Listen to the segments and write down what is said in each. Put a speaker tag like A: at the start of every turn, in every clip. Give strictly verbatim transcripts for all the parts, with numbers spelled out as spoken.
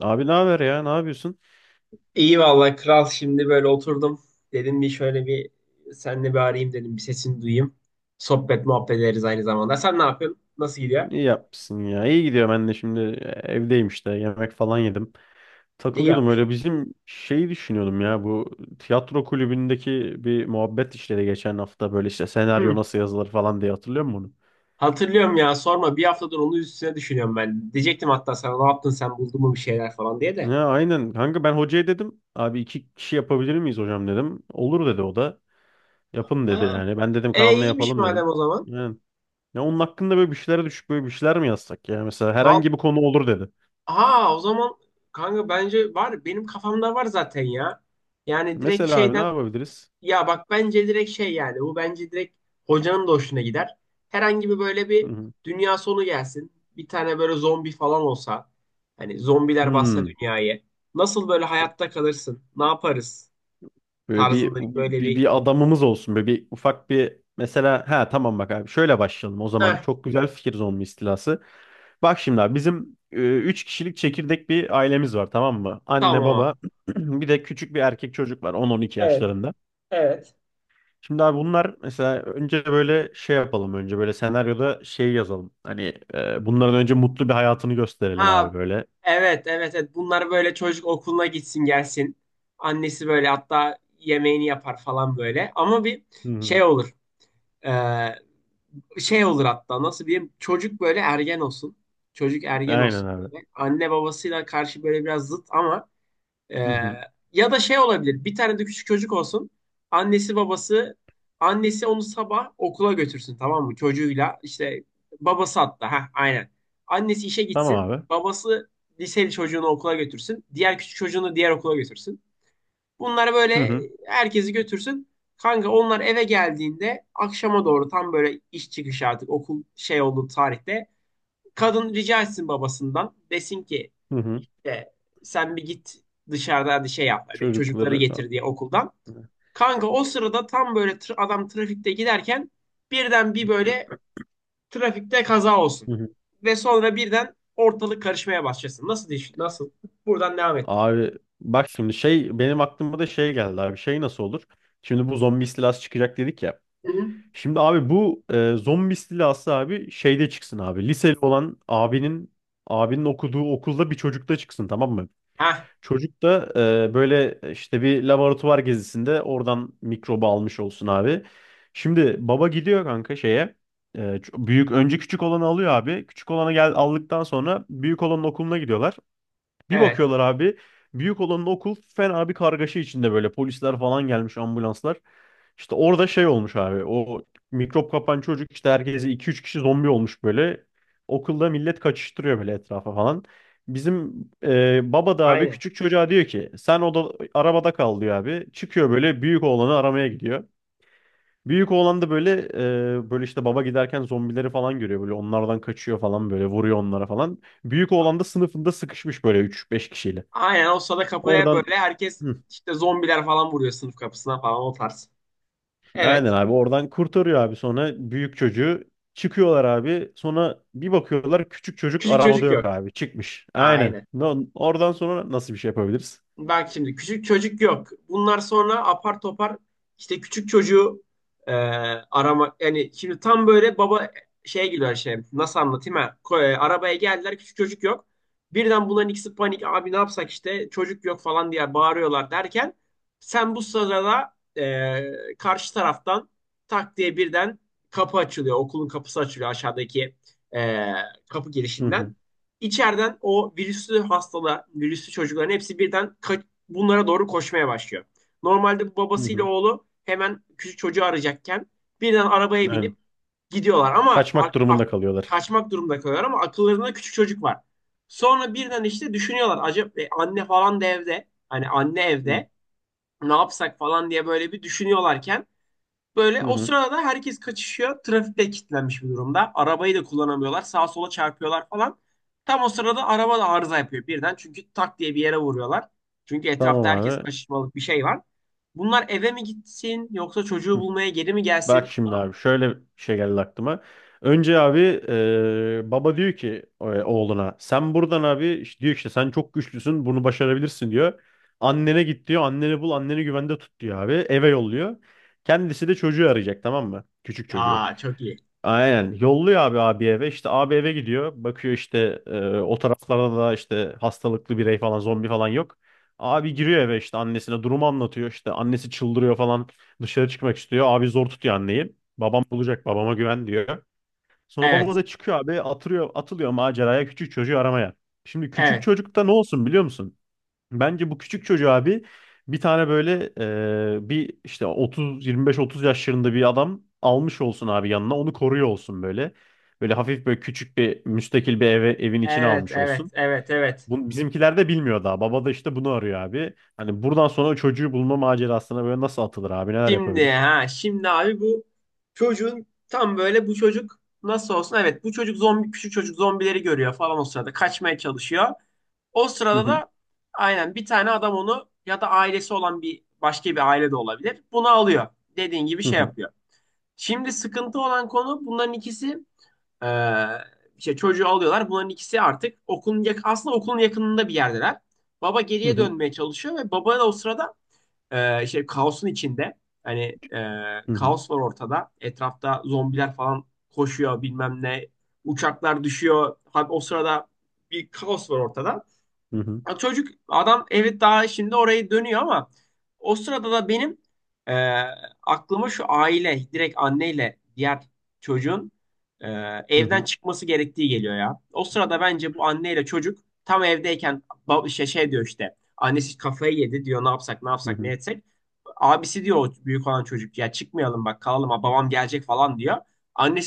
A: Abi ne haber ya? Ne yapıyorsun?
B: İyi vallahi kral şimdi böyle oturdum. Dedim bir şöyle bir seninle bir arayayım dedim. Bir sesini duyayım. Sohbet muhabbet ederiz aynı zamanda. Sen ne yapıyorsun? Nasıl gidiyor?
A: İyi yapmışsın ya. İyi gidiyor ben de şimdi e, evdeyim işte. Yemek falan yedim.
B: İyi
A: Takılıyordum
B: yapmış.
A: öyle bizim şeyi düşünüyordum ya. Bu tiyatro kulübündeki bir muhabbet işleri geçen hafta böyle işte senaryo
B: Hı,
A: nasıl yazılır falan diye hatırlıyor musun
B: hatırlıyorum ya sorma. Bir haftadır onun üstüne düşünüyorum ben. Diyecektim hatta sana ne yaptın sen buldun mu bir şeyler falan diye
A: bunu?
B: de.
A: Ha, aynen. Kanka ben hocaya dedim. Abi iki kişi yapabilir miyiz hocam dedim. Olur dedi o da. Yapın dedi
B: Ha.
A: yani. Ben dedim
B: E
A: Kaan'la
B: iyiymiş
A: yapalım
B: madem
A: dedim.
B: o zaman.
A: Yani. Ya onun hakkında böyle bir şeylere düşüp böyle bir şeyler mi yazsak ya? Mesela
B: Val
A: herhangi bir konu olur dedi.
B: ha, o zaman kanka bence var. Benim kafamda var zaten ya. Yani direkt
A: Mesela abi ne
B: şeyden.
A: yapabiliriz?
B: Ya bak bence direkt şey, yani bu bence direkt hocanın da hoşuna gider. Herhangi bir böyle bir dünya sonu gelsin. Bir tane böyle zombi falan olsa. Hani zombiler bassa
A: Hmm.
B: dünyayı. Nasıl böyle hayatta kalırsın? Ne yaparız?
A: Böyle bir,
B: Tarzında bir böyle
A: bir,
B: bir.
A: bir adamımız olsun. Böyle bir ufak bir mesela ha tamam bak abi şöyle başlayalım o zaman.
B: Eh,
A: Çok güzel fikir zombi istilası. Bak şimdi abi bizim e, üç kişilik çekirdek bir ailemiz var tamam mı?
B: tamam
A: Anne
B: ama.
A: baba bir de küçük bir erkek çocuk var on on iki
B: Evet,
A: yaşlarında.
B: evet.
A: Şimdi abi bunlar mesela önce böyle şey yapalım önce böyle senaryoda şey yazalım. Hani e, bunların önce mutlu bir hayatını gösterelim
B: Ha,
A: abi böyle.
B: evet evet evet, bunlar böyle çocuk okuluna gitsin gelsin. Annesi böyle hatta yemeğini yapar falan böyle. Ama bir
A: Hı
B: şey
A: hı.
B: olur. Şey olur hatta nasıl diyeyim, çocuk böyle ergen olsun. Çocuk ergen
A: Aynen
B: olsun
A: abi.
B: böyle. Anne babasıyla karşı böyle biraz zıt ama e,
A: Hı hı.
B: ya da şey olabilir. Bir tane de küçük çocuk olsun. Annesi babası Annesi onu sabah okula götürsün, tamam mı? Çocuğuyla işte babası hatta, ha aynen. Annesi işe gitsin.
A: Tamam abi.
B: Babası liseli çocuğunu okula götürsün. Diğer küçük çocuğunu diğer okula götürsün. Bunlar
A: Hı
B: böyle
A: hı.
B: herkesi götürsün. Kanka onlar eve geldiğinde akşama doğru, tam böyle iş çıkışı artık okul şey olduğu tarihte, kadın rica etsin babasından, desin ki
A: Hı hı.
B: e, sen bir git dışarıda, hadi şey yap hani, çocukları
A: Çocukları.
B: getir diye okuldan. Kanka o sırada tam böyle tra- adam trafikte giderken birden bir böyle trafikte kaza olsun.
A: Hı hı.
B: Ve sonra birden ortalık karışmaya başlasın. Nasıl diş- nasıl? Buradan devam ettir.
A: Abi bak şimdi şey benim aklıma da şey geldi abi şey nasıl olur? Şimdi bu zombi istilası çıkacak dedik ya.
B: Hı hı.
A: Şimdi abi bu e, zombi istilası abi şeyde çıksın abi. Liseli olan abinin abinin okuduğu okulda bir çocukta çıksın tamam mı?
B: Hah,
A: Çocuk da e, böyle işte bir laboratuvar gezisinde oradan mikrobu almış olsun abi. Şimdi baba gidiyor kanka şeye. E, ç- büyük önce küçük olanı alıyor abi. Küçük olanı gel aldıktan sonra büyük olanın okuluna gidiyorlar. Bir
B: evet
A: bakıyorlar abi. Büyük olanın okul fena bir kargaşa içinde böyle polisler falan gelmiş ambulanslar. İşte orada şey olmuş abi. O mikrop kapan çocuk işte herkese iki üç kişi zombi olmuş böyle. Okulda millet kaçıştırıyor böyle etrafa falan. Bizim e, baba da abi
B: aynen.
A: küçük çocuğa diyor ki sen oda arabada kal diyor abi. Çıkıyor böyle büyük oğlanı aramaya gidiyor. Büyük oğlan da böyle e, böyle işte baba giderken zombileri falan görüyor böyle onlardan kaçıyor falan böyle vuruyor onlara falan. Büyük oğlan da sınıfında sıkışmış böyle üç beş kişiyle.
B: Aynen o sada kapıya
A: Oradan.
B: böyle herkes
A: Hı,
B: işte zombiler falan vuruyor sınıf kapısına falan, o tarz.
A: aynen
B: Evet.
A: abi oradan kurtarıyor abi sonra büyük çocuğu çıkıyorlar abi sonra bir bakıyorlar küçük çocuk
B: Küçük
A: arabada
B: çocuk
A: yok
B: yok.
A: abi çıkmış. Aynen.
B: Aynen.
A: No- Oradan sonra nasıl bir şey yapabiliriz?
B: Bak şimdi küçük çocuk yok. Bunlar sonra apar topar işte küçük çocuğu e, arama. Yani şimdi tam böyle baba şeye giriyor şey. Nasıl anlatayım ha? Ko- e, arabaya geldiler, küçük çocuk yok. Birden bunların ikisi panik. Abi ne yapsak, işte çocuk yok falan diye bağırıyorlar derken, sen bu sırada e, karşı taraftan tak diye birden kapı açılıyor. Okulun kapısı açılıyor, aşağıdaki e, kapı
A: Hı
B: girişinden.
A: hı.
B: İçeriden o virüslü hastalar, virüslü çocukların hepsi birden bunlara doğru koşmaya başlıyor. Normalde bu
A: Hı
B: babasıyla
A: hı.
B: oğlu hemen küçük çocuğu arayacakken, birden arabaya
A: Aynen.
B: binip gidiyorlar ama
A: Kaçmak
B: ak- ak-
A: durumunda kalıyorlar.
B: kaçmak durumunda kalıyorlar ama akıllarında küçük çocuk var. Sonra birden işte düşünüyorlar, acaba e, anne falan da evde, hani anne
A: Hı
B: evde ne yapsak falan diye böyle bir düşünüyorlarken, böyle o
A: hı.
B: sırada herkes kaçışıyor. Trafikte kilitlenmiş bir durumda. Arabayı da kullanamıyorlar. Sağa sola çarpıyorlar falan. Tam o sırada araba da arıza yapıyor birden. Çünkü tak diye bir yere vuruyorlar. Çünkü
A: Tamam
B: etrafta herkes
A: abi.
B: kaçışmalık bir şey var. Bunlar eve mi gitsin yoksa çocuğu bulmaya geri mi
A: Bak
B: gelsin?
A: şimdi abi şöyle bir şey geldi aklıma. Önce abi e, baba diyor ki e, oğluna sen buradan abi işte diyor işte sen çok güçlüsün bunu başarabilirsin diyor. Annene git diyor anneni bul anneni güvende tut diyor abi eve yolluyor. Kendisi de çocuğu arayacak tamam mı? Küçük çocuğu.
B: Aa, çok iyi.
A: Aynen. Yolluyor abi abi eve. İşte abi eve gidiyor. Bakıyor işte e, o taraflarda da işte hastalıklı birey falan zombi falan yok. Abi giriyor eve işte annesine durumu anlatıyor. İşte annesi çıldırıyor falan. Dışarı çıkmak istiyor. Abi zor tutuyor anneyi. Babam bulacak babama güven diyor. Sonra baba
B: Evet.
A: da çıkıyor abi atılıyor atılıyor maceraya küçük çocuğu aramaya. Şimdi küçük
B: Evet.
A: çocukta ne olsun biliyor musun? Bence bu küçük çocuğu abi bir tane böyle e, bir işte otuz yirmi beş, otuz yaşlarında bir adam almış olsun abi yanına onu koruyor olsun böyle. Böyle hafif böyle küçük bir müstakil bir eve, evin içine
B: Evet,
A: almış
B: evet,
A: olsun.
B: evet, evet.
A: Bunu, bizimkiler de bilmiyor daha. Baba da işte bunu arıyor abi. Hani buradan sonra o çocuğu bulma macerasına böyle nasıl atılır abi neler
B: Şimdi
A: yapabilir?
B: ha, şimdi abi bu çocuğun tam böyle, bu çocuk nasıl olsun? Evet, bu çocuk zombi, küçük çocuk zombileri görüyor falan, o sırada kaçmaya çalışıyor. O
A: Hı
B: sırada
A: hı
B: da aynen bir tane adam onu, ya da ailesi olan bir başka bir aile de olabilir, bunu alıyor. Dediğin gibi
A: hı
B: şey
A: hı
B: yapıyor. Şimdi sıkıntı olan konu, bunların ikisi eee işte çocuğu alıyorlar. Bunların ikisi artık okulun yak aslında okulun yakınında bir yerdeler. Baba geriye
A: hı
B: dönmeye çalışıyor ve baba da o sırada eee şey, kaosun içinde. Hani eee,
A: hı
B: kaos var ortada. Etrafta zombiler falan koşuyor, bilmem ne. Uçaklar düşüyor. Hadi o sırada bir kaos var ortada.
A: hı hı hı
B: Ya çocuk adam, evet daha şimdi orayı dönüyor ama o sırada da benim e, aklıma şu, aile direkt anneyle diğer çocuğun e, evden
A: hı
B: çıkması gerektiği geliyor ya. O sırada bence bu anneyle çocuk tam evdeyken, bab- şey, şey diyor işte, annesi kafayı yedi diyor, ne yapsak ne yapsak ne
A: hı
B: etsek. Abisi diyor, o büyük olan çocuk, ya çıkmayalım bak kalalım, ha babam gelecek falan diyor.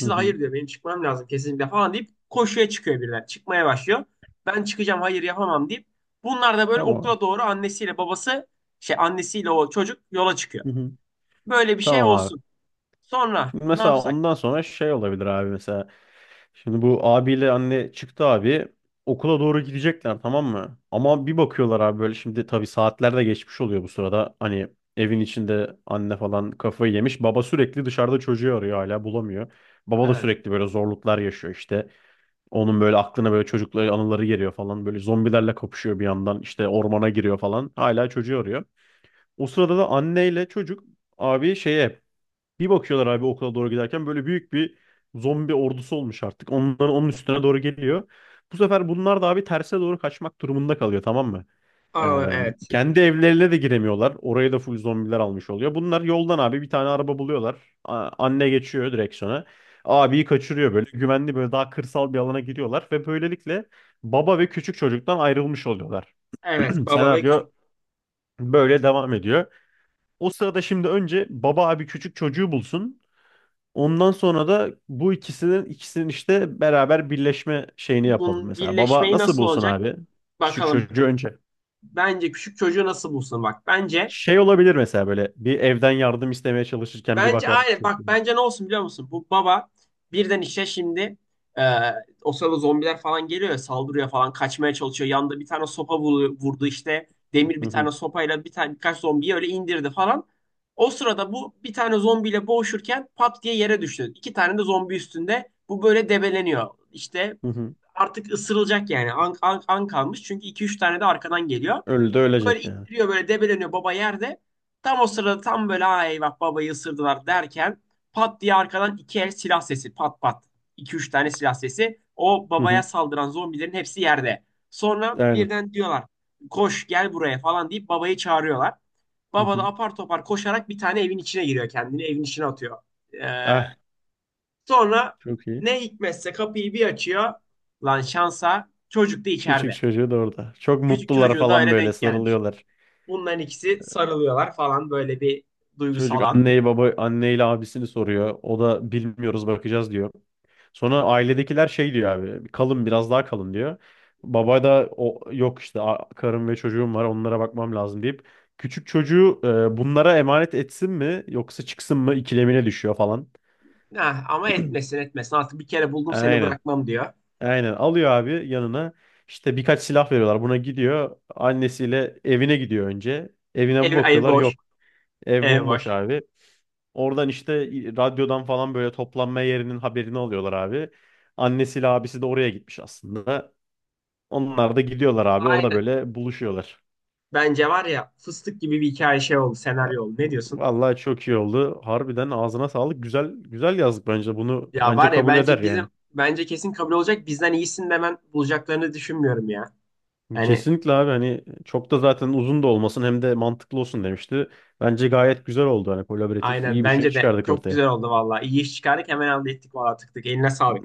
A: hı
B: de
A: hı.
B: hayır diyor, benim çıkmam lazım kesinlikle falan deyip koşuya çıkıyor, biriler çıkmaya başlıyor. Ben çıkacağım, hayır yapamam deyip, bunlar da böyle
A: Tamam abi.
B: okula doğru annesiyle babası şey annesiyle o çocuk yola çıkıyor.
A: Hı hı.
B: Böyle bir şey
A: Tamam abi.
B: olsun. Sonra
A: Şimdi
B: ne
A: mesela
B: yapsak?
A: ondan sonra şey olabilir abi mesela. Şimdi bu abiyle anne çıktı abi. Okula doğru gidecekler tamam mı? Ama bir bakıyorlar abi böyle şimdi tabii saatler de geçmiş oluyor bu sırada. Hani evin içinde anne falan kafayı yemiş. Baba sürekli dışarıda çocuğu arıyor hala bulamıyor. Baba da
B: Evet.
A: sürekli böyle zorluklar yaşıyor işte. Onun böyle aklına böyle çocukları anıları geliyor falan. Böyle zombilerle kapışıyor bir yandan. İşte ormana giriyor falan. Hala çocuğu arıyor. O sırada da anneyle çocuk abi şeye bir bakıyorlar abi okula doğru giderken böyle büyük bir zombi ordusu olmuş artık. Onların onun üstüne doğru geliyor. Bu sefer bunlar da abi terse doğru kaçmak durumunda kalıyor tamam mı?
B: Aralar,
A: Ee,
B: evet.
A: kendi evlerine de giremiyorlar. Oraya da full zombiler almış oluyor. Bunlar yoldan abi bir tane araba buluyorlar. A- anne geçiyor direksiyona. Abiyi kaçırıyor böyle. Güvenli böyle daha kırsal bir alana giriyorlar ve böylelikle baba ve küçük çocuktan ayrılmış oluyorlar.
B: Evet, baba ve küçük.
A: Senaryo böyle devam ediyor. O sırada şimdi önce baba abi küçük çocuğu bulsun. Ondan sonra da bu ikisinin ikisinin işte beraber birleşme şeyini yapalım
B: Bunun
A: mesela. Baba
B: birleşmeyi
A: nasıl
B: nasıl
A: bulsun
B: olacak?
A: abi? Küçük
B: Bakalım.
A: çocuğu önce.
B: Bence küçük çocuğu nasıl bulsun bak. Bence
A: Şey olabilir mesela böyle bir evden yardım istemeye çalışırken bir
B: Bence
A: bakar
B: aynen. Bak
A: çocuğu.
B: bence ne olsun biliyor musun? Bu baba birden işte şimdi e, o sırada zombiler falan geliyor ya, saldırıyor falan, kaçmaya çalışıyor. Yanında bir tane sopa vuru- vurdu işte. Demir
A: Hı
B: bir tane
A: hı,
B: sopayla bir tane, birkaç zombiyi öyle indirdi falan. O sırada bu bir tane zombiyle boğuşurken pat diye yere düştü. İki tane de zombi üstünde. Bu böyle debeleniyor. İşte
A: hı hı.
B: artık ısırılacak yani. An, an, an kalmış. Çünkü iki üç tane de arkadan geliyor.
A: Öldü de
B: Böyle
A: ölecek yani.
B: ittiriyor, böyle debeleniyor baba yerde. Tam o sırada tam böyle, ha eyvah babayı ısırdılar derken, pat diye arkadan iki el silah sesi, pat pat. iki üç tane silah sesi. O
A: Hı
B: babaya
A: hı,
B: saldıran zombilerin hepsi yerde. Sonra
A: aynen.
B: birden diyorlar, koş gel buraya falan deyip babayı çağırıyorlar.
A: Hı
B: Baba da
A: hı.
B: apar topar koşarak bir tane evin içine giriyor, kendini evin içine atıyor. Ee,
A: Ah,
B: Sonra
A: çok iyi.
B: ne hikmetse kapıyı bir açıyor. Lan şansa çocuk da
A: Küçük
B: içeride.
A: çocuğu da orada. Çok
B: Küçük
A: mutlular
B: çocuğu da
A: falan
B: öyle
A: böyle
B: denk gelmiş.
A: sarılıyorlar.
B: Bunların ikisi sarılıyorlar falan, böyle bir
A: Çocuk
B: duygusal an.
A: anneyi baba anneyle abisini soruyor. O da bilmiyoruz bakacağız diyor. Sonra ailedekiler şey diyor abi. Kalın biraz daha kalın diyor. Baba da o yok işte a- karım ve çocuğum var onlara bakmam lazım deyip küçük çocuğu e, bunlara emanet etsin mi yoksa çıksın mı ikilemine düşüyor falan.
B: Ha, ama etmesin etmesin, artık bir kere buldum seni
A: Aynen.
B: bırakmam diyor.
A: Aynen alıyor abi yanına. İşte birkaç silah veriyorlar. Buna gidiyor. Annesiyle evine gidiyor önce. Evine
B: Ev,
A: bu
B: ev
A: bakıyorlar.
B: boş.
A: Yok. Ev
B: Ev
A: bomboş
B: boş.
A: abi. Oradan işte radyodan falan böyle toplanma yerinin haberini alıyorlar abi. Annesiyle abisi de oraya gitmiş aslında. Onlar da gidiyorlar abi. Orada
B: Aynen.
A: böyle buluşuyorlar.
B: Bence var ya, fıstık gibi bir hikaye, şey oldu, senaryo oldu. Ne diyorsun?
A: Vallahi çok iyi oldu. Harbiden ağzına sağlık. Güzel güzel yazdık bence. Bunu
B: Ya
A: bence
B: var ya,
A: kabul eder
B: bence bizim,
A: yani.
B: bence kesin kabul olacak. Bizden iyisini de ben bulacaklarını düşünmüyorum ya. Yani.
A: Kesinlikle abi hani çok da zaten uzun da olmasın hem de mantıklı olsun demişti. Bence gayet güzel oldu hani kolaboratif
B: Aynen,
A: iyi bir şey
B: bence de
A: çıkardık
B: çok
A: ortaya.
B: güzel oldu valla. İyi iş çıkardık, hemen halde ettik valla, tık tık, eline sağlık.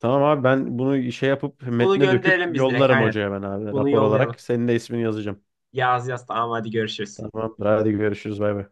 A: Tamam abi ben bunu şey yapıp
B: Bunu
A: metne döküp
B: gönderelim biz direkt,
A: yollarım
B: aynen.
A: hocaya ben abi
B: Bunu
A: rapor
B: yollayalım.
A: olarak. Senin de ismini yazacağım.
B: Yaz yaz, tamam hadi görüşürüz.
A: Tamamdır. Hadi görüşürüz. Bay bay.